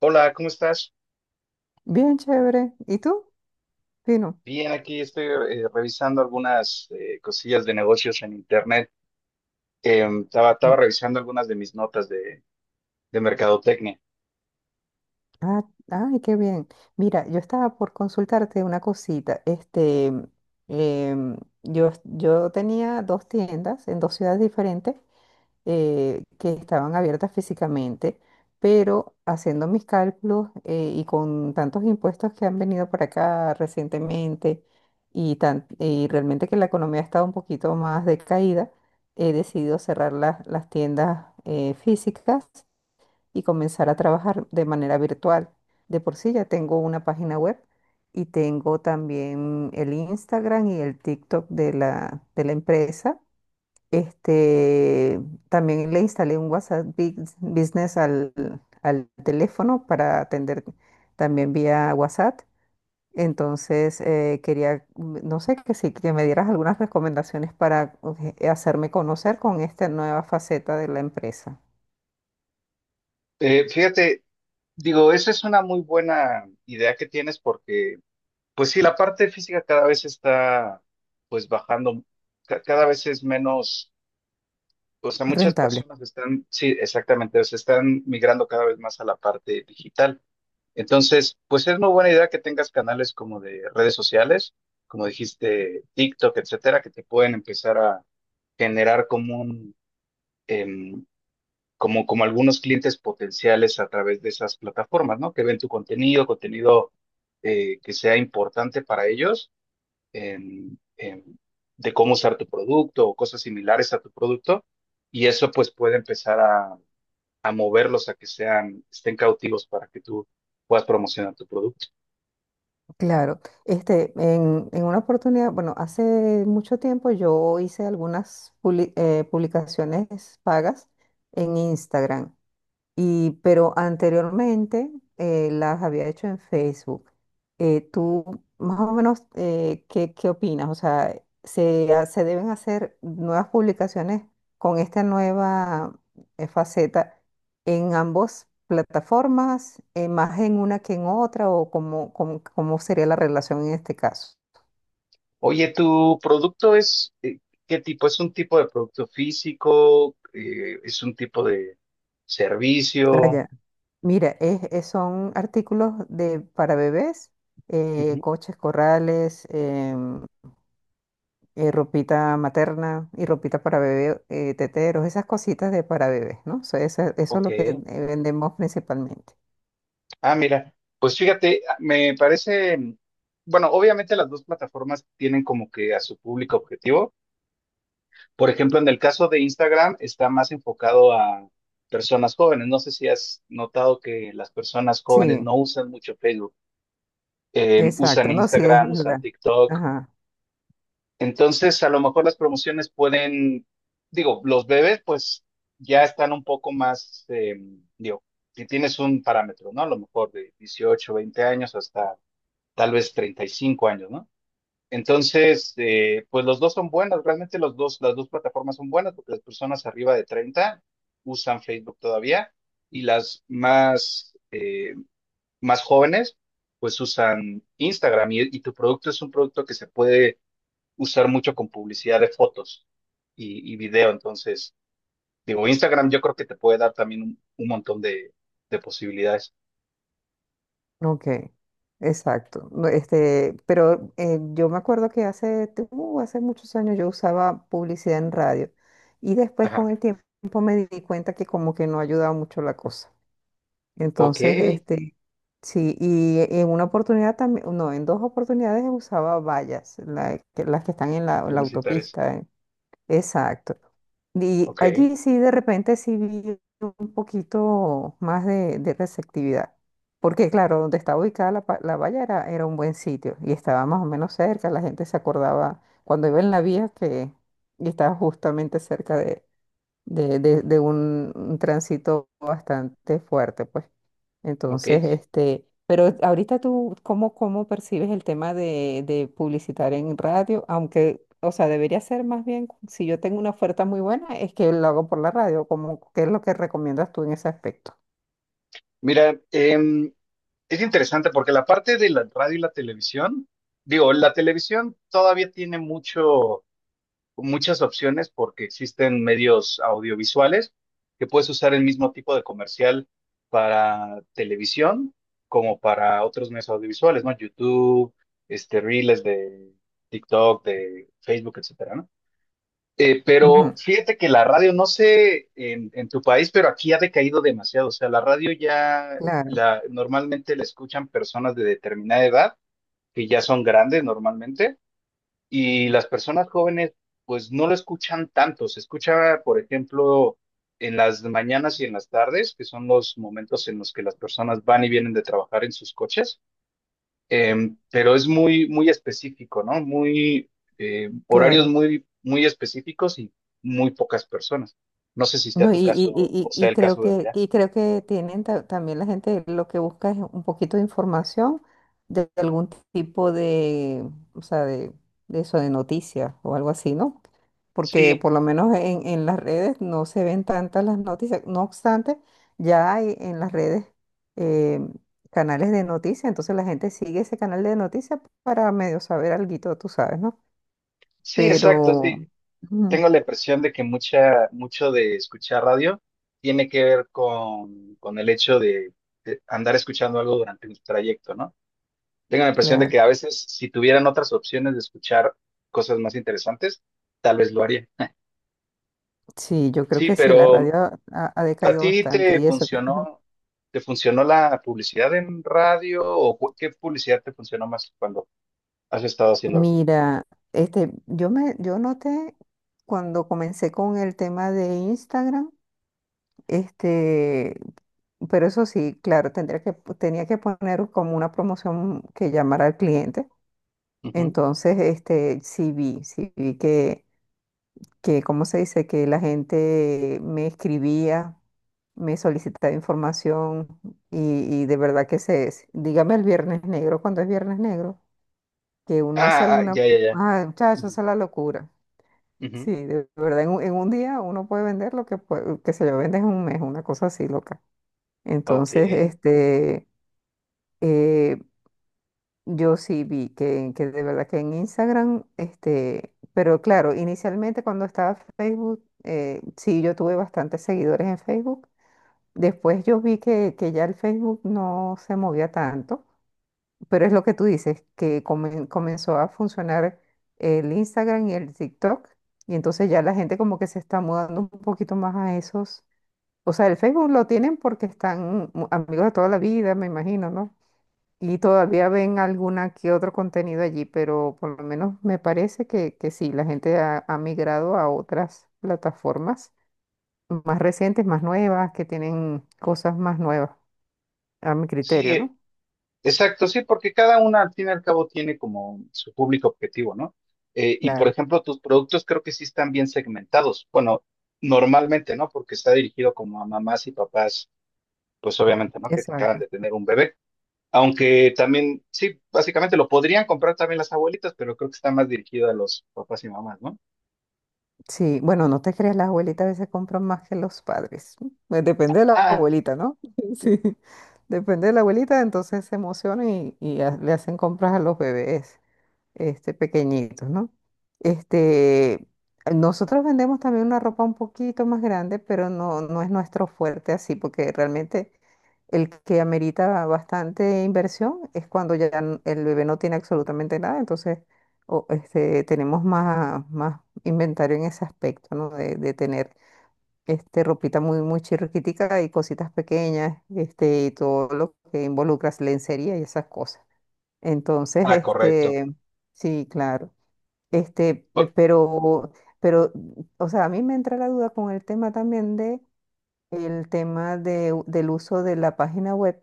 Hola, ¿cómo estás? Bien chévere. ¿Y tú? Fino. Bien, aquí estoy revisando algunas cosillas de negocios en internet. Estaba revisando algunas de mis notas de mercadotecnia. Ah, ay, qué bien. Mira, yo estaba por consultarte una cosita. Em, yo tenía dos tiendas en dos ciudades diferentes que estaban abiertas físicamente, pero haciendo mis cálculos y con tantos impuestos que han venido para acá recientemente y realmente que la economía ha estado un poquito más decaída, he decidido cerrar las tiendas físicas y comenzar a trabajar de manera virtual. De por sí ya tengo una página web y tengo también el Instagram y el TikTok de de la empresa. Este, también le instalé un WhatsApp Business al teléfono para atender también vía WhatsApp. Entonces, quería, no sé, que si que me dieras algunas recomendaciones para hacerme conocer con esta nueva faceta de la empresa Fíjate, digo, esa es una muy buena idea que tienes porque, pues sí, la parte física cada vez está, pues bajando, cada vez es menos, o sea, muchas rentable. personas están, sí, exactamente, se están migrando cada vez más a la parte digital. Entonces, pues es muy buena idea que tengas canales como de redes sociales, como dijiste, TikTok, etcétera, que te pueden empezar a generar como un, em, como algunos clientes potenciales a través de esas plataformas, ¿no? Que ven tu contenido que sea importante para ellos, em, em, de cómo usar tu producto o cosas similares a tu producto, y eso pues puede empezar a moverlos a que sean, estén cautivos para que tú puedas promocionar tu producto. Claro, este, en una oportunidad, bueno, hace mucho tiempo yo hice algunas publicaciones pagas en Instagram y, pero anteriormente las había hecho en Facebook. ¿Tú más o menos qué, qué opinas? O sea, ¿se, ha- se deben hacer nuevas publicaciones con esta nueva faceta en ambas plataformas, más en una que en otra, o cómo, cómo, cómo sería la relación en este caso? Oye, ¿tu producto es qué tipo? ¿Es un tipo de producto físico? ¿Es un tipo de Ah, servicio? ya. Mira, son artículos de, para bebés, Ujú. coches, corrales, ropita materna y ropita para bebé, teteros, esas cositas de para bebés, ¿no? So, eso, es Ok. lo que vendemos principalmente. Ah, mira, pues fíjate, ah, me parece, bueno, obviamente las dos plataformas tienen como que a su público objetivo. Por ejemplo, en el caso de Instagram está más enfocado a personas jóvenes. No sé si has notado que las personas jóvenes Sí, no usan mucho Facebook. Usan exacto, no, sí, es Instagram, usan verdad. TikTok. Ajá, Entonces, a lo mejor las promociones pueden, digo, los bebés pues ya están un poco más, digo, si tienes un parámetro, ¿no? A lo mejor de 18 20 años hasta tal vez 35 años, ¿no? Entonces, pues los dos son buenas, realmente los dos, las dos plataformas son buenas porque las personas arriba de 30 usan Facebook todavía y las más jóvenes pues usan Instagram y tu producto es un producto que se puede usar mucho con publicidad de fotos y video. Entonces, digo, Instagram yo creo que te puede dar también un montón de posibilidades. ok, exacto. No, este, pero yo me acuerdo que hace, hace muchos años yo usaba publicidad en radio y después Ajá. con el tiempo me di cuenta que como que no ayudaba mucho la cosa. Ok, Entonces, este, sí, y en una oportunidad también, no, en dos oportunidades usaba vallas, las que están en la publicitar eso. autopista, ¿eh? Exacto. Y Ok. allí sí, de repente sí vi un poquito más de receptividad, porque claro, donde estaba ubicada la valla era, era un buen sitio y estaba más o menos cerca, la gente se acordaba cuando iba en la vía que y estaba justamente cerca de, de un tránsito bastante fuerte, pues. Entonces, Ok. este, pero ahorita tú, ¿cómo, cómo percibes el tema de publicitar en radio? Aunque, o sea, debería ser más bien, si yo tengo una oferta muy buena, es que lo hago por la radio, como, ¿qué es lo que recomiendas tú en ese aspecto? Mira, es interesante porque la parte de la radio y la televisión, digo, la televisión todavía tiene mucho muchas opciones porque existen medios audiovisuales que puedes usar el mismo tipo de comercial para televisión como para otros medios audiovisuales, ¿no? YouTube, este, Reels de TikTok, de Facebook, etcétera, ¿no? Pero Ujú, fíjate que la radio, no sé en tu país, pero aquí ha decaído demasiado. O sea, la radio ya claro, normalmente la escuchan personas de determinada edad, que ya son grandes normalmente, y las personas jóvenes, pues no lo escuchan tanto. Se escucha, por ejemplo, en las mañanas y en las tardes, que son los momentos en los que las personas van y vienen de trabajar en sus coches. Pero es muy, muy específico, ¿no? Horarios claro. muy, muy específicos y muy pocas personas. No sé si sea No, y, tu y, caso y, o y sea y el creo caso de que, allá. y creo que tienen también la gente lo que busca es un poquito de información de algún tipo de, o sea, de eso, de noticias o algo así, ¿no? Porque Sí, por lo menos en las redes no se ven tantas las noticias. No obstante, ya hay en las redes eh, canales de noticias, entonces la gente sigue ese canal de noticias para medio saber alguito, tú sabes, ¿no? sí, exacto. Pero, Sí. ujú, Tengo la impresión de que mucho de escuchar radio tiene que ver con el hecho de andar escuchando algo durante un trayecto, ¿no? Tengo la impresión de claro. que a veces si tuvieran otras opciones de escuchar cosas más interesantes, tal vez lo haría. Sí, yo creo Sí, que sí, la pero radio ha, ha ¿a decaído ti bastante te y eso que... ajá. funcionó, te funcionó la publicidad en radio o qué publicidad te funcionó más cuando has estado haciéndolo? Mira, este, yo noté cuando comencé con el tema de Instagram, este, pero eso sí, claro, tendría que, tenía que poner como una promoción que llamara al cliente. Ujú. Entonces, este, sí vi que, ¿cómo se dice? Que la gente me escribía me solicitaba información y de verdad que se es. Dígame el viernes negro, cuando es viernes negro, que uno hace Ah, ah, alguna... ya, ya, ya. Ah, Ujú, muchachos, esa es la locura. ujú. Sí, de verdad, en un día uno puede vender lo que, puede, que se lo vende en un mes, una cosa así loca. Ok. Entonces, este, eh, yo sí vi que de verdad que en Instagram, este, pero claro, inicialmente cuando estaba Facebook, sí, yo tuve bastantes seguidores en Facebook. Después yo vi que ya el Facebook no se movía tanto, pero es lo que tú dices, que comenzó a funcionar el Instagram y el TikTok, y entonces ya la gente como que se está mudando un poquito más a esos. O sea, el Facebook lo tienen porque están amigos de toda la vida, me imagino, ¿no? Y todavía ven alguna que otro contenido allí, pero por lo menos me parece que sí, la gente ha migrado a otras plataformas más recientes, más nuevas, que tienen cosas más nuevas a mi criterio, Sí, ¿no? exacto, sí, porque cada una al fin y al cabo tiene como su público objetivo, ¿no? Y por Claro, ejemplo, tus productos creo que sí están bien segmentados. Bueno, normalmente, ¿no? Porque está dirigido como a mamás y papás, pues obviamente, ¿no? Que acaban exacto. de tener un bebé. Aunque también, sí, básicamente lo podrían comprar también las abuelitas, pero creo que está más dirigido a los papás y mamás, ¿no? Sí, bueno, no te creas, las abuelitas a veces compran más que los padres. Pues depende de la Ah, abuelita, ¿no? Sí, depende de la abuelita, entonces se emocionan y le hacen compras a los bebés, este, pequeñitos, ¿no? Este, nosotros vendemos también una ropa un poquito más grande, pero no, no es nuestro fuerte así, porque realmente el que amerita bastante inversión es cuando ya el bebé no tiene absolutamente nada, entonces o, este, tenemos más, más inventario en ese aspecto, ¿no? De tener este, ropita muy, muy chirriquitica y cositas pequeñas, este, y todo lo que involucra lencería y esas cosas. Entonces, ah, correcto. este, sí, claro. Este, eh, O- pero, pero, o sea, a mí me entra la duda con el tema también de el tema de del uso de la página web,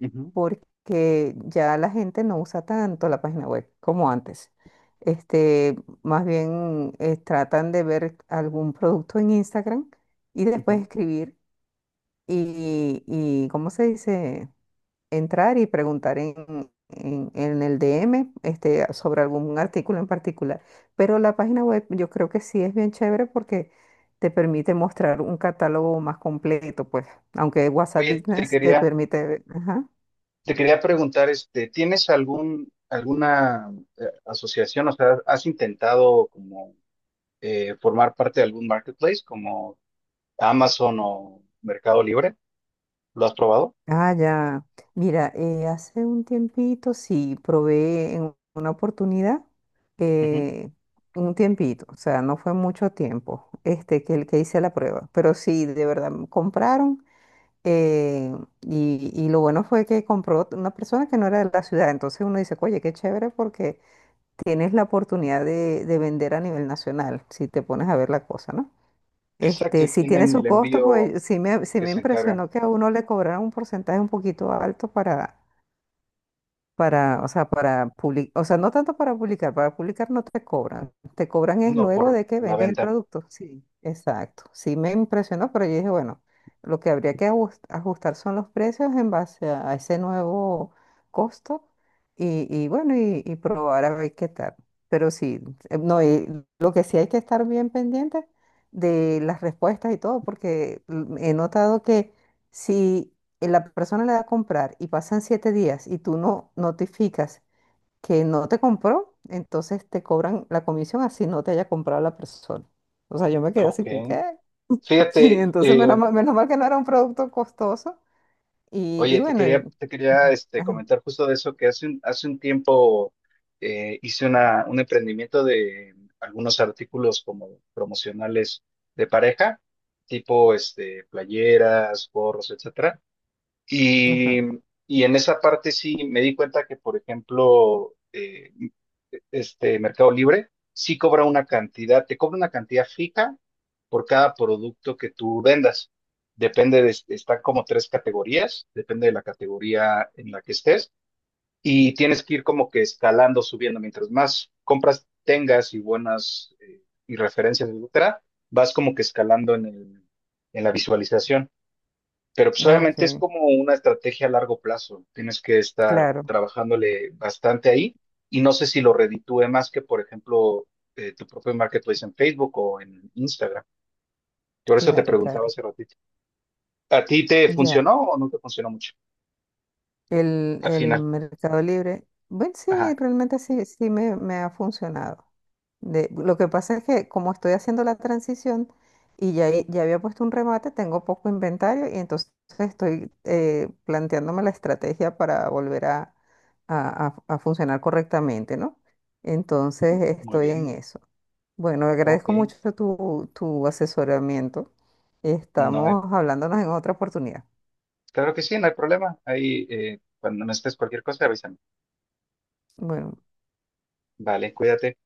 Ujú, porque ya la gente no usa tanto la página web como antes. Este, más bien tratan de ver algún producto en Instagram y después ujú. escribir y ¿cómo se dice? Entrar y preguntar en, en el DM este, sobre algún artículo en particular. Pero la página web yo creo que sí es bien chévere porque te permite mostrar un catálogo más completo, pues, aunque WhatsApp Oye, Business te permite... Ajá. te quería preguntar, este, ¿tienes alguna asociación? O sea, ¿has intentado como formar parte de algún marketplace como Amazon o Mercado Libre? ¿Lo has probado? Ah, ya. Mira, hace un tiempito sí probé en una oportunidad, Ujú. eh, un tiempito, o sea, no fue mucho tiempo, este, que el que hice la prueba, pero sí, de verdad, me compraron. Eh, y lo bueno fue que compró una persona que no era de la ciudad. Entonces uno dice, oye, qué chévere porque tienes la oportunidad de vender a nivel nacional, si te pones a ver la cosa, ¿no? Exacto, Este, y si tiene tienen su el costo, envío pues sí que me se encarga, impresionó que a uno le cobraran un porcentaje un poquito alto para, o sea, para publicar, o sea, no tanto para publicar no te cobran, te cobran es no luego por de que la vendes el venta. producto. Sí, exacto. Sí me impresionó, pero yo dije, bueno, lo que habría que ajustar son los precios en base a ese nuevo costo y bueno, y probar a ver qué tal. Pero sí, no, y lo que sí hay que estar bien pendiente de las respuestas y todo, porque he notado que si y la persona le da a comprar y pasan 7 días y tú no notificas que no te compró, entonces te cobran la comisión así no te haya comprado la persona. O sea, yo me quedé Ok. así con qué. Sí, Fíjate, entonces menos mal que no era un producto costoso. Y Oye, bueno, y- te quería este, Ajá, comentar justo de eso, que hace un tiempo hice un emprendimiento de algunos artículos como promocionales de pareja, tipo este, playeras, gorros, etcétera. ajá. Y, y en esa parte sí me di cuenta que, por ejemplo, este Mercado Libre, sí cobra una cantidad, te cobra una cantidad fija por cada producto que tú vendas. Depende de, están como tres categorías, depende de la categoría en la que estés y tienes que ir como que escalando, subiendo. Mientras más compras tengas y buenas y referencias, etcétera, vas como que escalando en la visualización. Pero pues Ah, obviamente es ok. como una estrategia a largo plazo. Tienes que estar Claro, trabajándole bastante ahí y no sé si lo reditúe más que, por ejemplo, tu propio marketplace en Facebook o en Instagram. Por eso te claro, preguntaba claro. hace ratito. ¿A ti te Ya. funcionó o no te funcionó mucho? Al El final. Mercado Libre, bueno, sí, Ajá. realmente sí, me ha funcionado. De, lo que pasa es que como estoy haciendo la transición y ya, ya había puesto un remate, tengo poco inventario y entonces estoy planteándome la estrategia para volver a, a funcionar correctamente, ¿no? Entonces Muy estoy en bien. eso. Bueno, Ok. agradezco mucho tu, tu asesoramiento. No hay- Estamos hablándonos en otra oportunidad. Claro que sí, no hay problema. Ahí, cuando necesites cualquier cosa, avísame. Bueno. Vale, cuídate.